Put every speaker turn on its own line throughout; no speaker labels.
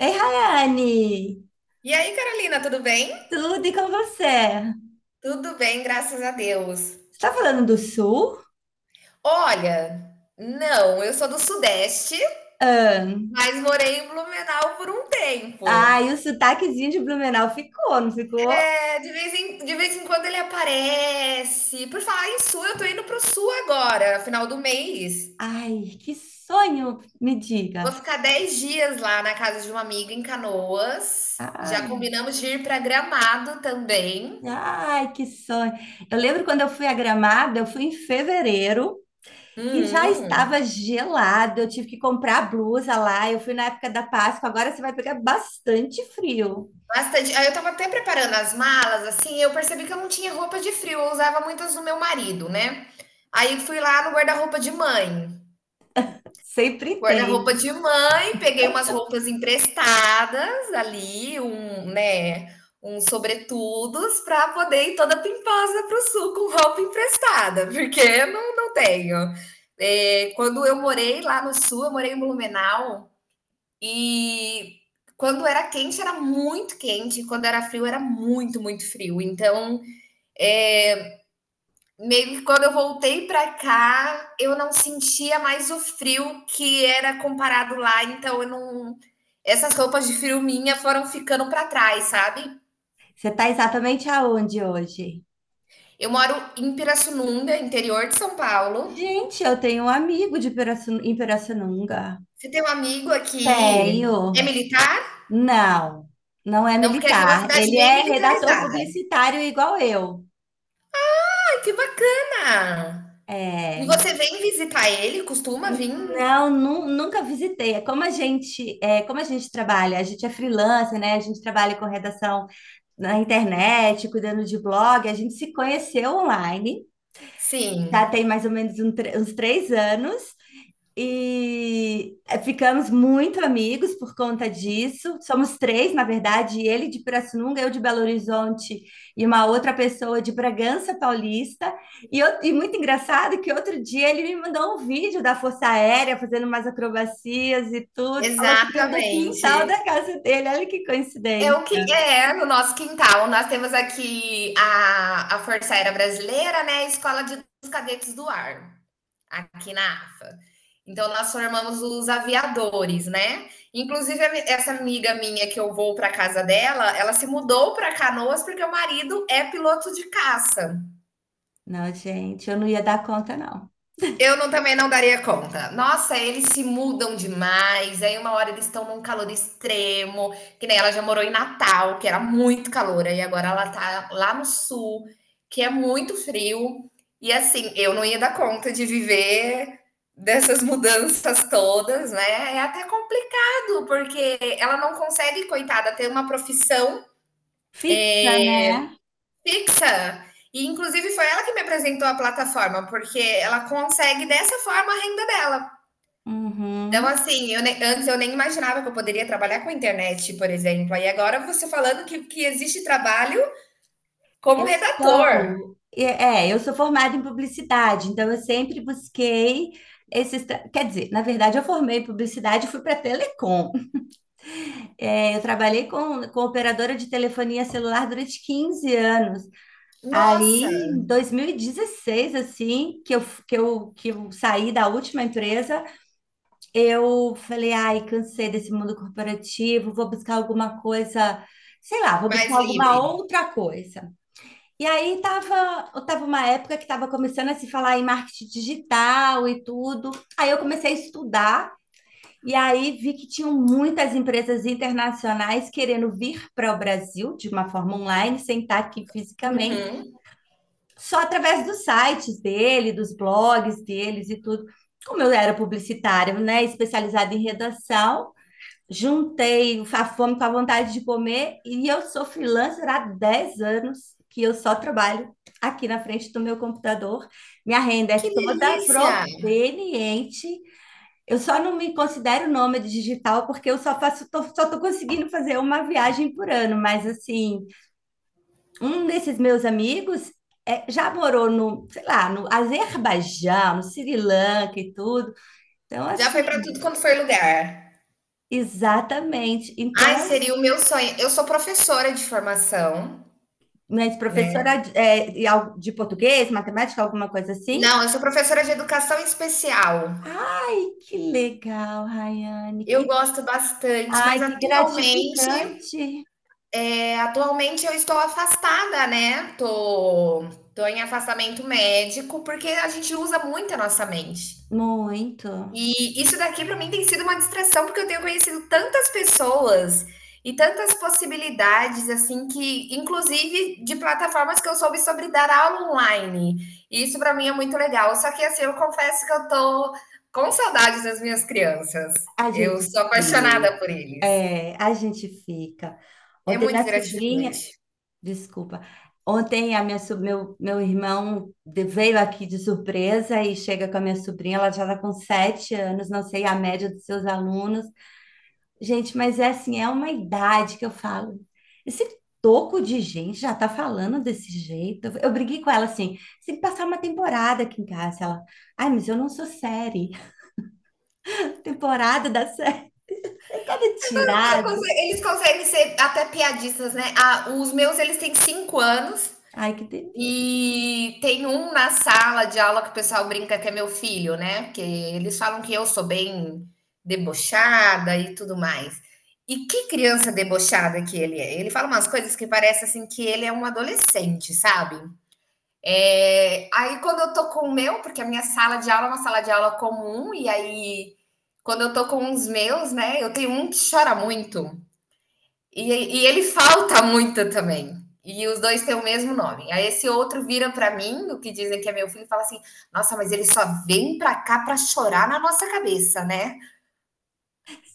Ei, Rayane!
E aí, Carolina, tudo bem?
Tudo e com você?
Tudo bem, graças a Deus.
Você tá falando do sul?
Olha, não, eu sou do Sudeste,
Ah,
mas morei em Blumenau por um tempo.
ai, o sotaquezinho de Blumenau ficou, não ficou?
É, de vez em quando ele aparece. Por falar em Sul, eu tô indo pro Sul agora, final do mês.
Ai, que sonho, me
Vou
diga.
ficar 10 dias lá na casa de uma amiga em Canoas. Já
Ai,
combinamos de ir para Gramado também.
ai, que sonho. Eu lembro quando eu fui a Gramado, eu fui em fevereiro e já
Uhum.
estava gelado. Eu tive que comprar blusa lá. Eu fui na época da Páscoa. Agora você vai pegar bastante frio.
Bastante. Aí eu estava até preparando as malas, assim, eu percebi que eu não tinha roupa de frio, eu usava muitas do meu marido, né. Aí fui lá no
Sempre
guarda-roupa
tem.
de mãe, peguei umas roupas emprestadas ali, um né, uns sobretudos para poder ir toda pimposa pro sul com roupa emprestada, porque eu não tenho. Quando eu morei lá no sul, eu morei em Blumenau, e quando era quente, era muito quente, e quando era frio, era muito, muito frio. Então, é, meio que quando eu voltei para cá, eu não sentia mais o frio que era comparado lá, então eu não essas roupas de frio minha foram ficando para trás, sabe?
Você está exatamente aonde hoje?
Eu moro em Pirassununga, interior de São Paulo.
Gente, eu tenho um amigo de em Pirassununga.
Você tem um amigo aqui, é
Tenho.
militar?
Não, não é
Não, porque aqui é uma
militar.
cidade
Ele
bem
é redator
militarizada.
publicitário igual eu.
Ai, que bacana!
É,
E você vem visitar ele? Costuma vir?
não, nunca visitei. É como a gente trabalha. A gente é freelancer, né? A gente trabalha com redação na internet, cuidando de blog. A gente se conheceu online. Já
Sim,
tem mais ou menos uns 3 anos. E ficamos muito amigos por conta disso. Somos três, na verdade, ele de Pirassununga, eu de Belo Horizonte e uma outra pessoa de Bragança Paulista. E muito engraçado que outro dia ele me mandou um vídeo da Força Aérea fazendo umas acrobacias e tudo. Falou que veio do quintal da
exatamente.
casa dele. Olha que
É o
coincidência.
que é no nosso quintal. Nós temos aqui a Força Aérea Brasileira, né? A Escola de, dos Cadetes do Ar, aqui na AFA. Então, nós formamos os aviadores, né? Inclusive, essa amiga minha que eu vou para casa dela, ela se mudou para Canoas porque o marido é piloto de caça.
Não, gente, eu não ia dar conta, não.
Eu não, também não daria conta. Nossa, eles se mudam demais. Aí uma hora eles estão num calor extremo, que nem ela já morou em Natal, que era muito calor, e agora ela tá lá no sul, que é muito frio. E assim, eu não ia dar conta de viver dessas mudanças todas, né? É até complicado, porque ela não consegue, coitada, ter uma profissão
Fixa,
é,
né?
fixa. E inclusive foi ela que me apresentou a plataforma, porque ela consegue dessa forma a renda dela. Então,
Uhum.
assim, eu nem, antes eu nem imaginava que eu poderia trabalhar com internet, por exemplo. Aí agora você falando que existe trabalho como
Eu
redator.
estou, é, é, eu sou formada em publicidade, então eu sempre busquei esses, quer dizer, na verdade eu formei em publicidade e fui para telecom. É, eu trabalhei com operadora de telefonia celular durante 15 anos.
Nossa,
Aí, em 2016, assim, que eu saí da última empresa, eu falei, ai, cansei desse mundo corporativo, vou buscar alguma coisa, sei lá, vou
mais
buscar alguma
livre.
outra coisa. E aí tava uma época que estava começando a se falar em marketing digital e tudo. Aí eu comecei a estudar e aí vi que tinham muitas empresas internacionais querendo vir para o Brasil de uma forma online, sem estar aqui fisicamente,
Uhum.
só através dos sites dele, dos blogs deles e tudo. Como eu era publicitária, né, especializada em redação, juntei a fome com a vontade de comer e eu sou freelancer há 10 anos que eu só trabalho aqui na frente do meu computador. Minha renda
Que
é toda
delícia!
proveniente. Eu só não me considero nômade digital porque eu só faço, só tô conseguindo fazer uma viagem por ano, mas assim, um desses meus amigos já morou no, sei lá, no Azerbaijão, no Sri Lanka e tudo. Então,
Já foi para
assim,
tudo quanto foi lugar.
exatamente.
Ai,
Então,
seria o meu sonho. Eu sou professora de formação,
mas
né?
professora de é, e al- de português, matemática, alguma coisa assim?
Não, eu sou professora de educação especial.
Ai, que legal, Rayane.
Eu
Que,
gosto bastante, mas
ai, que
atualmente,
gratificante.
atualmente eu estou afastada, né, tô em afastamento médico, porque a gente usa muito a nossa mente.
Muito.
E isso daqui para mim tem sido uma distração, porque eu tenho conhecido tantas pessoas e tantas possibilidades, assim, que inclusive de plataformas que eu soube sobre dar aula online. E isso para mim é muito legal, só que, assim, eu confesso que eu tô com saudades das minhas crianças.
A
Eu
gente
sou
fica.
apaixonada por eles.
É, a gente fica.
É
Ontem
muito
minha sobrinha,
gratificante.
desculpa. Ontem a minha, so- meu irmão veio aqui de surpresa e chega com a minha sobrinha, ela já está com 7 anos, não sei a média dos seus alunos. Gente, mas é assim, é uma idade que eu falo. Esse toco de gente já tá falando desse jeito. Eu briguei com ela assim, você tem que passar uma temporada aqui em casa. Ela, ai, mas eu não sou série. Temporada da série. É cada tirada.
Eles conseguem ser até piadistas, né? Ah, os meus, eles têm 5 anos.
Ai, que delícia.
E tem um na sala de aula que o pessoal brinca que é meu filho, né? Porque eles falam que eu sou bem debochada e tudo mais. E que criança debochada que ele é! Ele fala umas coisas que parece assim que ele é um adolescente, sabe? É, aí quando eu tô com o meu, porque a minha sala de aula é uma sala de aula comum, e aí quando eu tô com os meus, né, eu tenho um que chora muito, e, ele falta muito também. E os dois têm o mesmo nome. Aí esse outro vira para mim, o que dizem que é meu filho, e fala assim: "Nossa, mas ele só vem para cá para chorar na nossa cabeça, né?"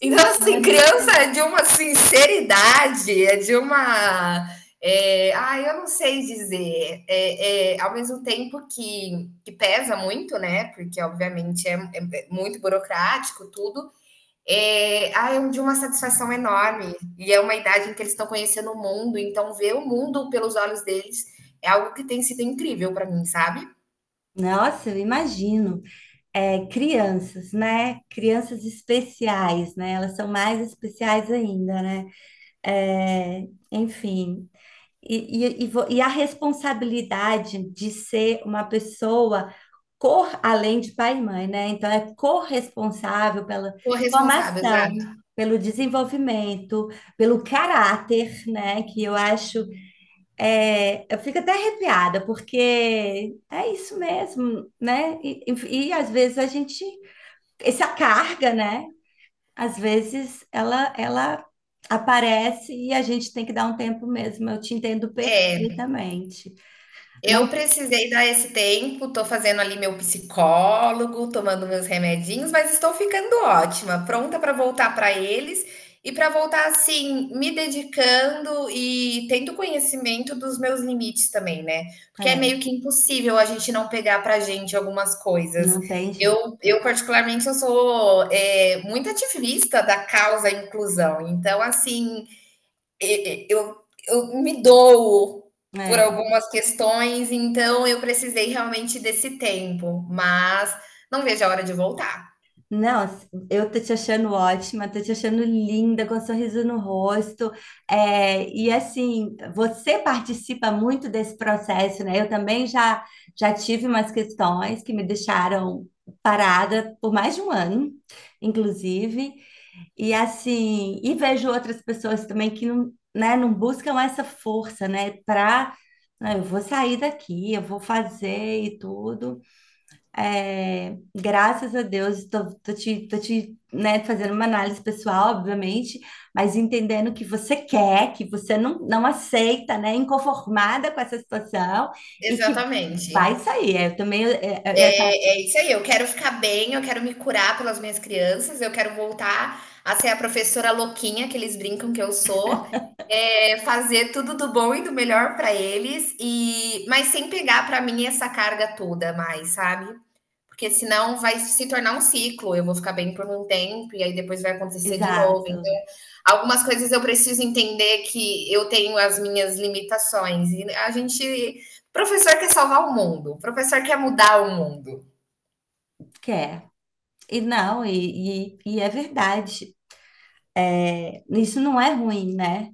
Então, assim,
anos.
criança
né?
é de uma sinceridade, é de uma. É, ah, eu não sei dizer. Ao mesmo tempo que pesa muito, né? Porque, obviamente, é muito burocrático tudo. É, ah, é de uma satisfação enorme. E é uma idade em que eles estão conhecendo o mundo, então ver o mundo pelos olhos deles é algo que tem sido incrível para mim, sabe?
Nossa, eu imagino. É, crianças, né? Crianças especiais, né? Elas são mais especiais ainda, né? É, enfim, E a responsabilidade de ser uma pessoa além de pai e mãe, né? Então, é corresponsável pela
Corresponsável,
formação,
exato.
pelo desenvolvimento, pelo caráter, né? Que eu acho. Eu fico até arrepiada, porque é isso mesmo, né? E às vezes a gente. Essa carga, né? Às vezes ela aparece e a gente tem que dar um tempo mesmo. Eu te entendo
É,
perfeitamente. Não
eu precisei dar esse tempo, tô fazendo ali meu psicólogo, tomando meus remedinhos, mas estou ficando ótima, pronta para voltar para eles e para voltar assim, me dedicando e tendo conhecimento dos meus limites também, né? Porque é
é,
meio que impossível a gente não pegar para gente algumas coisas.
não tem jeito.
Eu particularmente, eu sou é, muito ativista da causa inclusão. Então, assim, e eu me dou por
É.
algumas questões, então eu precisei realmente desse tempo, mas não vejo a hora de voltar.
Não, assim, eu tô te achando ótima, tô te achando linda, com um sorriso no rosto. É, e assim, você participa muito desse processo, né? Eu também já tive umas questões que me deixaram parada por mais de um ano, inclusive. E assim, e vejo outras pessoas também que não, né, não buscam essa força, né, para eu vou sair daqui, eu vou fazer e tudo. É, graças a Deus, tô te, né, fazendo uma análise pessoal, obviamente, mas entendendo que você quer, que você não aceita, né, inconformada com essa situação e que
Exatamente.
vai sair. É, eu também,
É isso aí, eu quero ficar bem, eu quero me curar pelas minhas crianças, eu quero voltar a ser a professora louquinha que eles brincam que eu sou, fazer tudo do bom e do melhor para eles e mas sem pegar para mim essa carga toda mais, sabe? Porque senão vai se tornar um ciclo, eu vou ficar bem por um tempo e aí depois vai acontecer de novo.
exato,
Então, algumas coisas eu preciso entender que eu tenho as minhas limitações. E a gente. Professor quer salvar o mundo, professor quer mudar o mundo.
quer. E não, e é verdade. Isso não é ruim, né?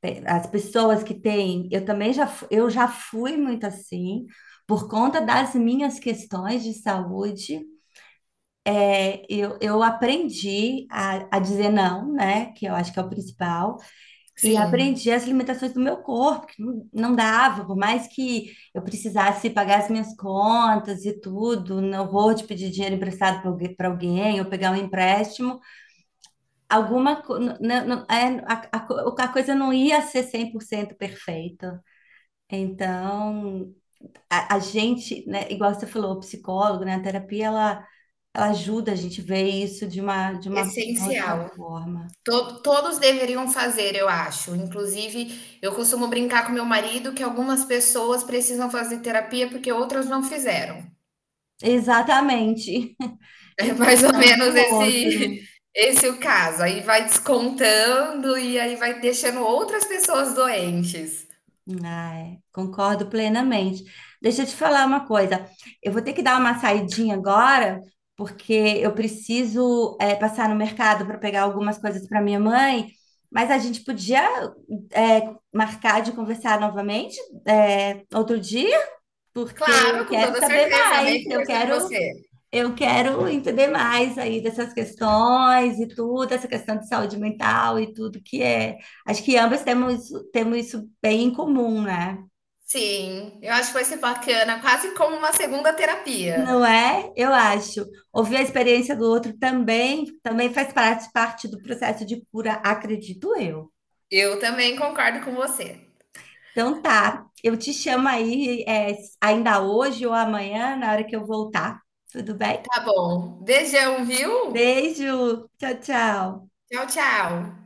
As pessoas que têm, eu também eu já fui muito assim, por conta das minhas questões de saúde, eu aprendi a dizer não, né? Que eu acho que é o principal, e
Sim,
aprendi as limitações do meu corpo, que não dava, por mais que eu precisasse pagar as minhas contas e tudo, não vou te pedir dinheiro emprestado para alguém ou pegar um empréstimo alguma co- n- n- n- a coisa não ia ser 100% perfeita. Então, a gente, né, igual você falou, o psicólogo, né, a terapia, ela, ajuda a gente ver isso de uma outra
essencial.
forma.
Todos deveriam fazer, eu acho. Inclusive, eu costumo brincar com meu marido que algumas pessoas precisam fazer terapia porque outras não fizeram.
Exatamente,
É
em
mais ou
função do
menos esse
outro.
esse o caso. Aí vai descontando e aí vai deixando outras pessoas doentes.
Ai, concordo plenamente. Deixa eu te falar uma coisa. Eu vou ter que dar uma saidinha agora, porque eu preciso, passar no mercado para pegar algumas coisas para minha mãe, mas a gente podia, eh, marcar de conversar novamente, outro dia, porque eu
Claro, com
quero
toda
saber
certeza, amei
mais, eu
conversar com
quero,
você.
eu quero entender mais aí dessas questões e tudo, essa questão de saúde mental e tudo que é. Acho que ambas temos isso bem em comum, né?
Sim, eu acho que vai ser bacana, quase como uma segunda
Não
terapia.
é? Eu acho. Ouvir a experiência do outro também faz parte do processo de cura, acredito eu.
Eu também concordo com você.
Então tá, eu te chamo aí, ainda hoje ou amanhã, na hora que eu voltar. Tudo bem?
Tá bom. Beijão, viu?
Beijo, tchau, tchau.
Tchau, tchau.